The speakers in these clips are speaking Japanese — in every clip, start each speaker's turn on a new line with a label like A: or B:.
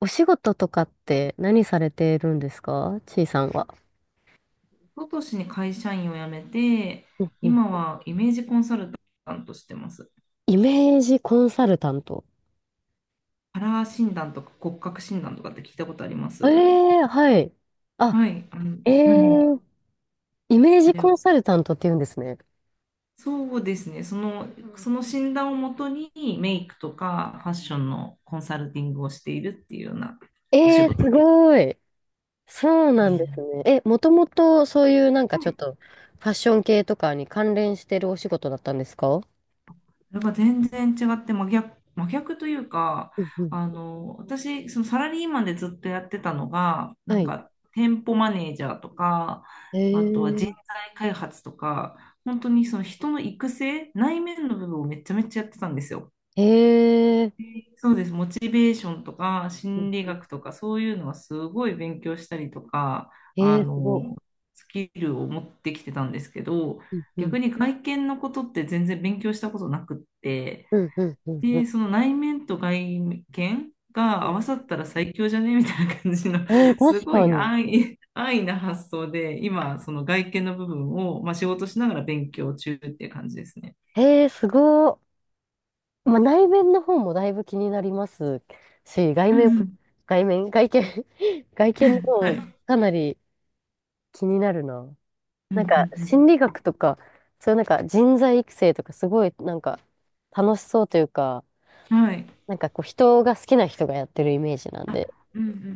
A: お仕事とかって何されてるんですかちいさんは。
B: 一昨年に会社員を辞めて、
A: うんうん。
B: 今はイメージコンサルタントしてます。
A: イメージコンサルタント。
B: カラー診断とか骨格診断とかって聞いたことありま
A: え
B: す？
A: えー、はい。あ、
B: はい、
A: え
B: う
A: え
B: ん、
A: ー、イメー
B: あ
A: ジ
B: れ
A: コ
B: を。
A: ンサルタントって言うんですね。
B: そうですね、その診断をもとにメイクとかファッションのコンサルティングをしているっていうようなお
A: え
B: 仕
A: えー、す
B: 事で。
A: ごい。そうなんですね。え、もともとそういうなんかちょっとファッション系とかに関連してるお仕事だったんですか？
B: それが全然違って真逆というか、
A: うんうん。
B: 私、そのサラリーマンでずっとやってたのが、な
A: は
B: ん
A: い。
B: か、店舗マネージャーとか、
A: え
B: あ
A: え
B: とは人
A: ー、
B: 材開発とか、本当にその人の育成、内面の部分をめちゃめちゃやってたんですよ。
A: ええー、
B: そうです。モチベーションとか、
A: うん
B: 心理
A: うん、
B: 学とか、そういうのはすごい勉強したりとか、あ
A: えー、すご
B: の、スキルを持ってきてたんですけど、
A: い。うんうん。
B: 逆に外見のことって全然勉強したことなくって、
A: うんうんうん
B: で、
A: う
B: その内面と外見が合
A: ん。
B: わさったら最強じゃねみたいな感じの、
A: ええー、
B: す
A: 確
B: ご
A: か
B: い
A: に。
B: 安易な発想で、今、その外見の部分を、まあ、仕事しながら勉強中っていう感じですね。
A: へえ、すごー。まあ、内面の方もだいぶ気になりますし、外
B: う
A: 面、
B: んうん、
A: 外面、外見、外見の
B: は
A: 方も
B: い。
A: かなり気になるな。
B: うん
A: なん
B: う
A: か、
B: ん
A: 心理学とか、そういうなんか人材育成とか、すごいなんか楽しそうというか、
B: うん。はい。
A: なんかこう、人が好きな人がやってるイメージなんで。
B: うんうんうん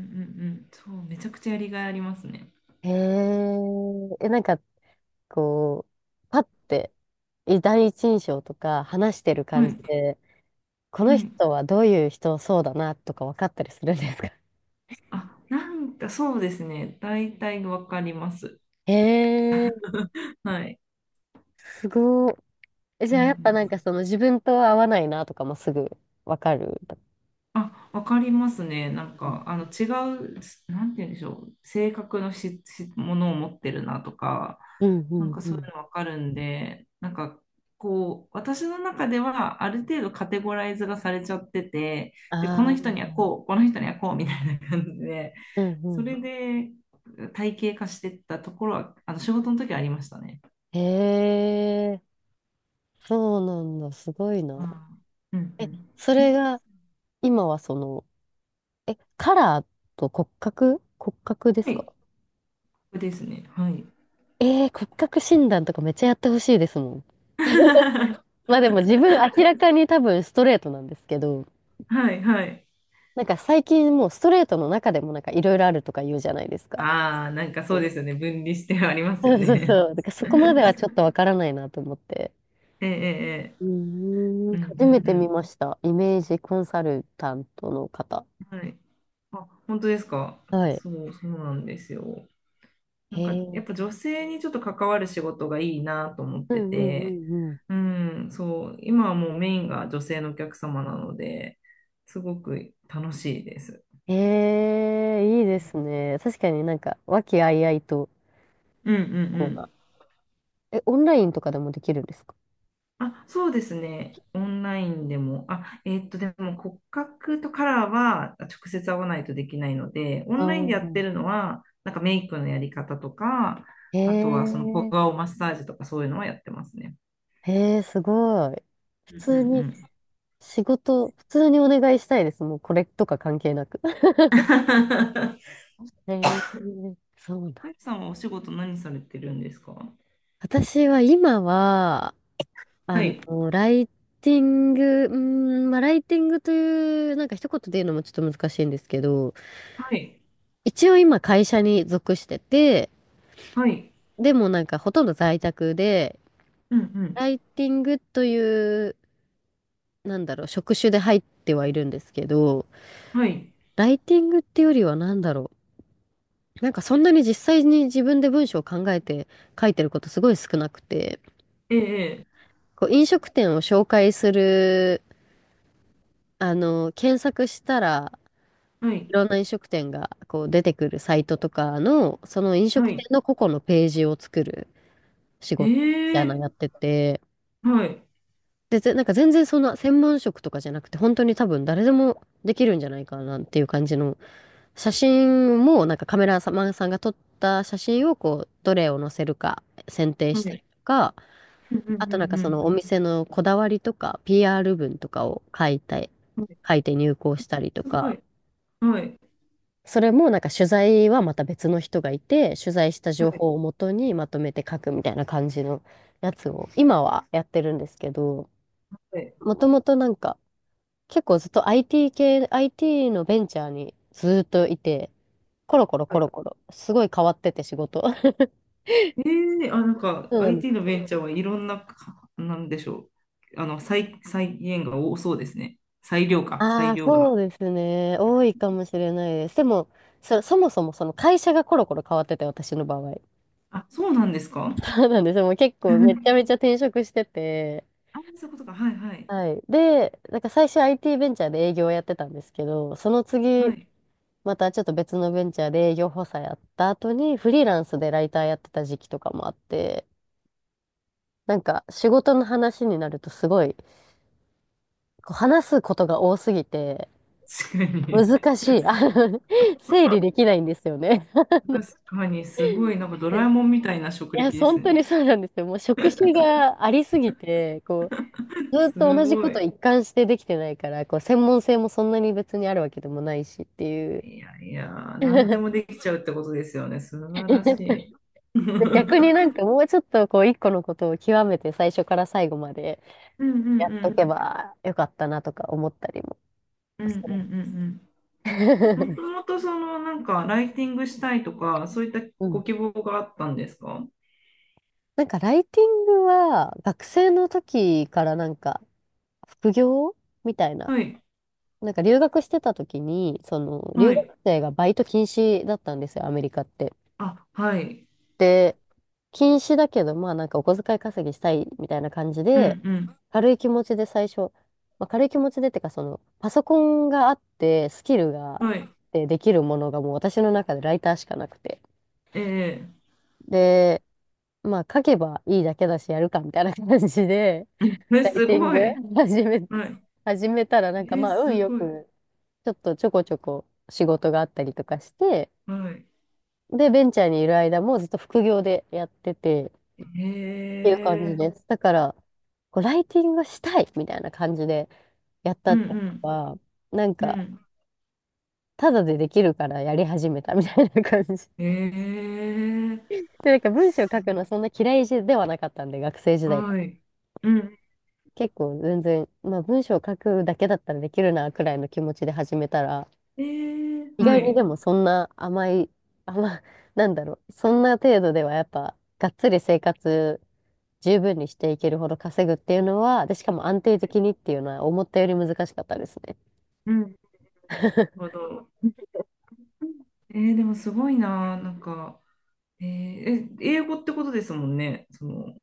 B: うん。そう、めちゃくちゃやりがいありますね。
A: へえ、え、なんかこう、パッて、い第一印象とか話してる
B: は
A: 感じ
B: い。
A: で、この
B: はい。
A: 人はどういう人そうだなとか分かったりするんですか？
B: あ、なんかそうですね。大体わかります。
A: へえ、
B: はい。
A: すごい。え、
B: う
A: じ
B: ん
A: ゃあやっぱなん
B: うん、
A: かその自分と合わないなとかもすぐわかる。
B: あ、わかりますね。なん
A: う
B: か、違う、なんて言うんでしょう。性格のものを持ってるなとか、
A: んう
B: なん
A: ん
B: か
A: う
B: そう
A: ん。
B: いうのわかるんで、なんか、こう、私の中では、ある程度カテゴライズがされちゃってて、で、この
A: あ
B: 人
A: あ、
B: にはこう、この人にはこう、みたいな感じで、
A: うんう
B: そ
A: ん。
B: れで体系化してったところは、仕事の時はありましたね。
A: へえ、そうなんだ。すごいな。
B: あー、うんう
A: え、
B: ん。
A: そ
B: え、
A: れが今はその、え、カラーと骨格、骨格で
B: は
A: す
B: い、こ
A: か？
B: れですね。はい。
A: えー、骨格診断とかめっちゃやってほしいですもん。まあでも自分明らかに多分ストレートなんですけど、
B: はい、はい。
A: なんか最近もうストレートの中でもなんかいろいろあるとか言うじゃないですか。
B: ああ、なんかそうですよね。分離してあります
A: そ
B: よ
A: うそう
B: ね。
A: そう。だからそこまではちょっと わからないなと思って。
B: ええ、ええ、ええ、
A: うーん。
B: うん
A: 初めて
B: う
A: 見
B: ん
A: ました。イメージコンサルタントの方。
B: うん。はい。あ、本当ですか？
A: はい。
B: そう、そうなんですよ。な
A: へ
B: んか、や
A: え。
B: っぱ女性にちょっと関わる仕事がいいなと思っ
A: う
B: て
A: んうんう
B: て、
A: んうん。
B: うん、そう、今はもうメインが女性のお客様なので、すごく楽しいです。
A: へえ、いいで
B: う
A: すね。確かになんか、和気あいあいと、
B: んうんう
A: こうな。
B: ん。
A: え、オンラインとかでもできるんですか？
B: あ、そうですね。オンラインでも。あ、でも骨格とカラーは直接合わないとできないので、オ
A: ああ
B: ンラインでやって
A: ー。
B: るのは、なんかメイクのやり方とか、
A: へ
B: あとはその小
A: え、
B: 顔マッサージとかそういうのはやってますね。
A: へえ、すごい。普
B: うんうんう
A: 通に、
B: ん。
A: 仕事、普通にお願いしたいです。もうこれとか関係なく。へえ、そう
B: マ
A: だ。
B: イクさんはお仕事何されてるんですか？は
A: 私は今は、あの、
B: い。
A: ライティング、うーん、まあ、ライティングという、なんか一言で言うのもちょっと難しいんですけど、
B: はい。
A: 一応今会社に属してて、
B: はい。
A: でもなんかほとんど在宅で、
B: うんう
A: ライティングという、なんだろう、職種で入ってはいるんですけど、
B: ん。はい。
A: ライティングってよりはなんだろう、なんかそんなに実際に自分で文章を考えて書いてることすごい少なくて、
B: ええ。ええ、
A: こう飲食店を紹介する、あの、検索したら、
B: は
A: い
B: い。
A: ろんな飲食店がこう出てくるサイトとかの、その飲
B: は
A: 食店
B: い。
A: の個々のページを作る仕
B: え
A: 事みたいなの
B: え。
A: やってて、
B: はい。
A: で、ぜなんか全然そんな専門職とかじゃなくて、本当に多分誰でもできるんじゃないかなっていう感じの、写真もなんかカメラマンさんが撮った写真をこう、どれを載せるか選定
B: は
A: したり
B: い。
A: とか、
B: うんう
A: あとなんか
B: んう
A: そ
B: ん
A: のお店のこだわりとか、PR 文とかを書いた
B: うん。はい、
A: 書いて入稿したりと
B: すご
A: か、
B: い。はい。
A: それもなんか取材はまた別の人がいて、取材した
B: は
A: 情
B: い
A: 報をもとにまとめて書くみたいな感じのやつを今はやってるんですけど、
B: はい。
A: もともとなんか結構ずっと IT 系、IT のベンチャーにずっといて、コロコロ
B: は
A: コ
B: い、
A: ロコロ、すごい変わってて仕事。
B: えー、あ、なんか
A: そうなんで
B: IT
A: す。
B: のベンチャーはいろんなか、なんでしょう。再現が多そうですね。
A: あ
B: 裁
A: あ、
B: 量
A: そう
B: が。
A: ですね。多いかもしれないです。でも、そ、そもそもその会社がコロコロ変わってて、私の場合。
B: あ、そうなんですか？
A: そうなんですよ。もう結構めちゃ めちゃ転職してて、
B: あ、そういうことか。はいはい。
A: はい。で、なんか最初 IT ベンチャーで営業をやってたんですけど、その
B: は
A: 次、
B: い。
A: またちょっと別のベンチャーで営業補佐やった後に、フリーランスでライターやってた時期とかもあって、なんか仕事の話になるとすごい、こう話すことが多すぎて、
B: 確かに。
A: 難しい。の 整理できないんですよね。
B: 確かに、すごい、なんかドラえ もんみたいな職
A: いや、
B: 歴です
A: 本当
B: ね。
A: にそうなんですよ。もう職種がありすぎて、こう、ずっと
B: す
A: 同じ
B: ご
A: こと
B: い。
A: 一貫してできてないから、こう、専門性もそんなに別にあるわけでもないしっていう。
B: いやいや、何でも できちゃうってことですよね。素晴らし い。う
A: 逆に
B: ん
A: なんかもうちょっとこう一個のことを極めて最初から最後まで
B: うんう
A: やっと
B: ん。
A: けばよかったなとか思ったりも
B: うんう
A: す
B: んうんうん。
A: る。
B: も ともとそのなんかライティングしたいとか、そういった
A: うん。
B: ご希望があったんですか？
A: なんかライティングは学生の時からなんか副業みたいな。
B: はい、
A: なんか留学してた時に、その
B: は
A: 留
B: い。
A: 学生がバイト禁止だったんですよ、アメリカって。
B: あ、はい。
A: で、禁止だけど、まあなんかお小遣い稼ぎしたいみたいな感じ
B: う
A: で、
B: ん、
A: 軽い気持ちで最初、まあ、軽い気持ちでってか、その、パソコンがあって、スキルがあ
B: うん。
A: っ
B: はい。
A: てできるものがもう私の中でライターしかなくて。
B: ええ、
A: で、まあ書けばいいだけだし、やるかみたいな感じで、
B: うん、え、
A: ライ
B: す
A: ティン
B: ご
A: グ
B: い。
A: 始め、
B: はい。
A: 始めたらなんか
B: ええ、
A: まあ
B: す
A: 運よ
B: ごい。
A: く、ちょっとちょこちょこ仕事があったりとかして、
B: はい。
A: で、ベンチャーにいる間もずっと副業でやってて、
B: へ
A: ていう感じで
B: え。
A: す。だから、こうライティングしたいみたいな感じでやった
B: う
A: ってこ
B: ん、
A: とは、なん
B: うん、う
A: か、
B: ん。
A: ただでできるからやり始めたみたいな感じ。
B: ええ。
A: で、なんか文章書
B: す
A: くのはそんな嫌いではなかったんで、学生時代から。
B: はい。うん。
A: 結構全然、まあ文章書くだけだったらできるな、くらいの気持ちで始めたら、
B: ええ、
A: 意
B: は
A: 外にで
B: い。
A: もそんな甘い、甘、なんだろう、そんな程度ではやっぱ、がっつり生活十分にしていけるほど稼ぐっていうのは、で、しかも安定的にっていうのは思ったより難しかったですね。
B: うん。なるほ ど。ええ、でもすごいな、なんか。ええ、英語ってことですもんね。その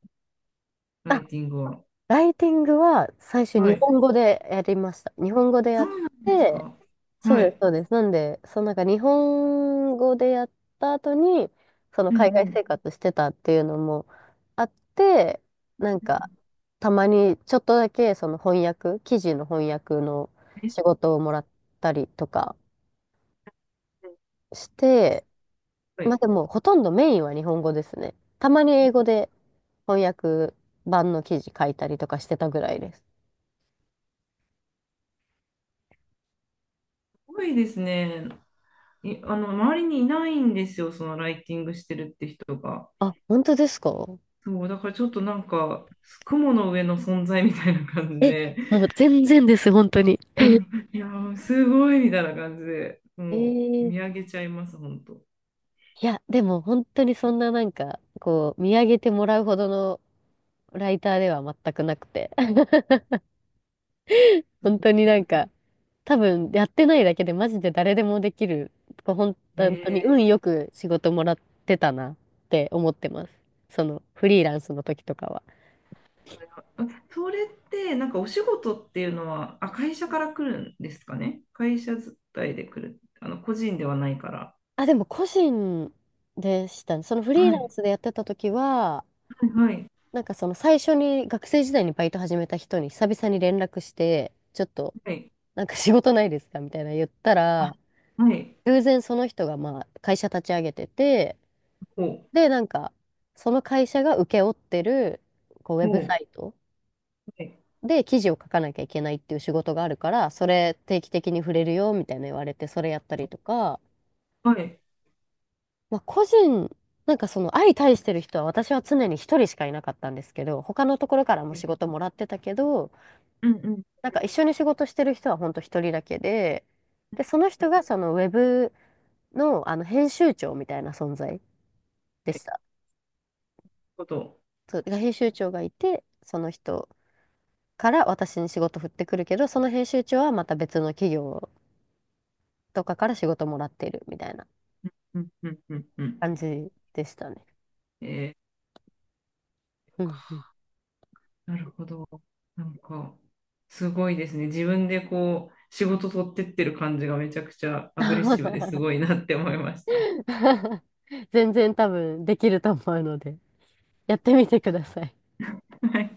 B: ラ
A: あ、
B: イティングは。
A: ライティングは最初
B: は
A: 日
B: い。
A: 本語でやりました。日本語でや
B: そ
A: っ
B: うなんです
A: て、
B: か？
A: そう
B: は
A: です、
B: い。
A: そうです。なんで、そのなんか日本語でやった後に、その
B: うん
A: 海
B: う
A: 外
B: ん
A: 生活してたっていうのもあって、なん
B: う
A: か、
B: ん、
A: たまにちょっとだけその翻訳、記事の翻訳の
B: え
A: 仕事をもらったりとかして、
B: は
A: まあ
B: い。
A: でも、ほとんどメインは日本語ですね。たまに英語で翻訳版の記事書いたりとかしてたぐらいです。
B: 多いですね。周りにいないんですよ、そのライティングしてるって人が。
A: あ、本当ですか？
B: そう、だからちょっとなんか、雲の上の存在みたいな感じ
A: え、
B: で、
A: なんか全然です、本当に。
B: うん、いやー、すごいみたいな感じで、もう
A: え
B: 見
A: え、
B: 上げちゃいます、本当。
A: いや、でも本当にそんななんか、こう、見上げてもらうほどのライターでは全くなくて。本当になんか、多分やってないだけでマジで誰でもできる。こうほん
B: え
A: 本当に
B: ー、
A: 運よく仕事もらってたなって思ってます。そのフリーランスの時とかは。
B: あ、それってなんかお仕事っていうのは、あ、会社から来るんですかね。会社伝いで来る。個人ではないから。
A: あ、でも個人でしたね。そのフリー
B: は
A: ラン
B: い、
A: スでやってた時は、
B: はい、はい。
A: なんかその最初に学生時代にバイト始めた人に久々に連絡して、ちょっと
B: はい、
A: なんか仕事ないですかみたいな言った
B: あ、
A: ら、
B: はい。
A: 偶然その人がまあ会社立ち上げてて、
B: ほう、
A: で、なんかその会社が請け負ってるこうウェ
B: ほ
A: ブサ
B: う、
A: イト
B: はい、
A: で記事を書かなきゃいけないっていう仕事があるから、それ定期的に触れるよみたいな言われて、それやったりとか、
B: はい。
A: まあ、個人、なんかその相対してる人は私は常に一人しかいなかったんですけど、他のところからも
B: は
A: 仕
B: い、
A: 事もらってたけど、
B: うんうん
A: なんか一緒に仕事してる人は本当一人だけで、で、その
B: う
A: 人
B: ん。
A: がそのウェブの、あの編集長みたいな存在で
B: はい、
A: した。
B: こと。
A: そう、が編集長がいて、その人から私に仕事振ってくるけど、その編集長はまた別の企業とかから仕事もらっているみたいな
B: うんうんうんうん。うん、
A: 感じでしたね。
B: えー、
A: うんうん。
B: なるほど。なんか、すごいですね。自分でこう、仕事取ってってる感じがめちゃくちゃアグレッシブですごいなって思いました。
A: 全然多分できると思うので。やってみてください。
B: はい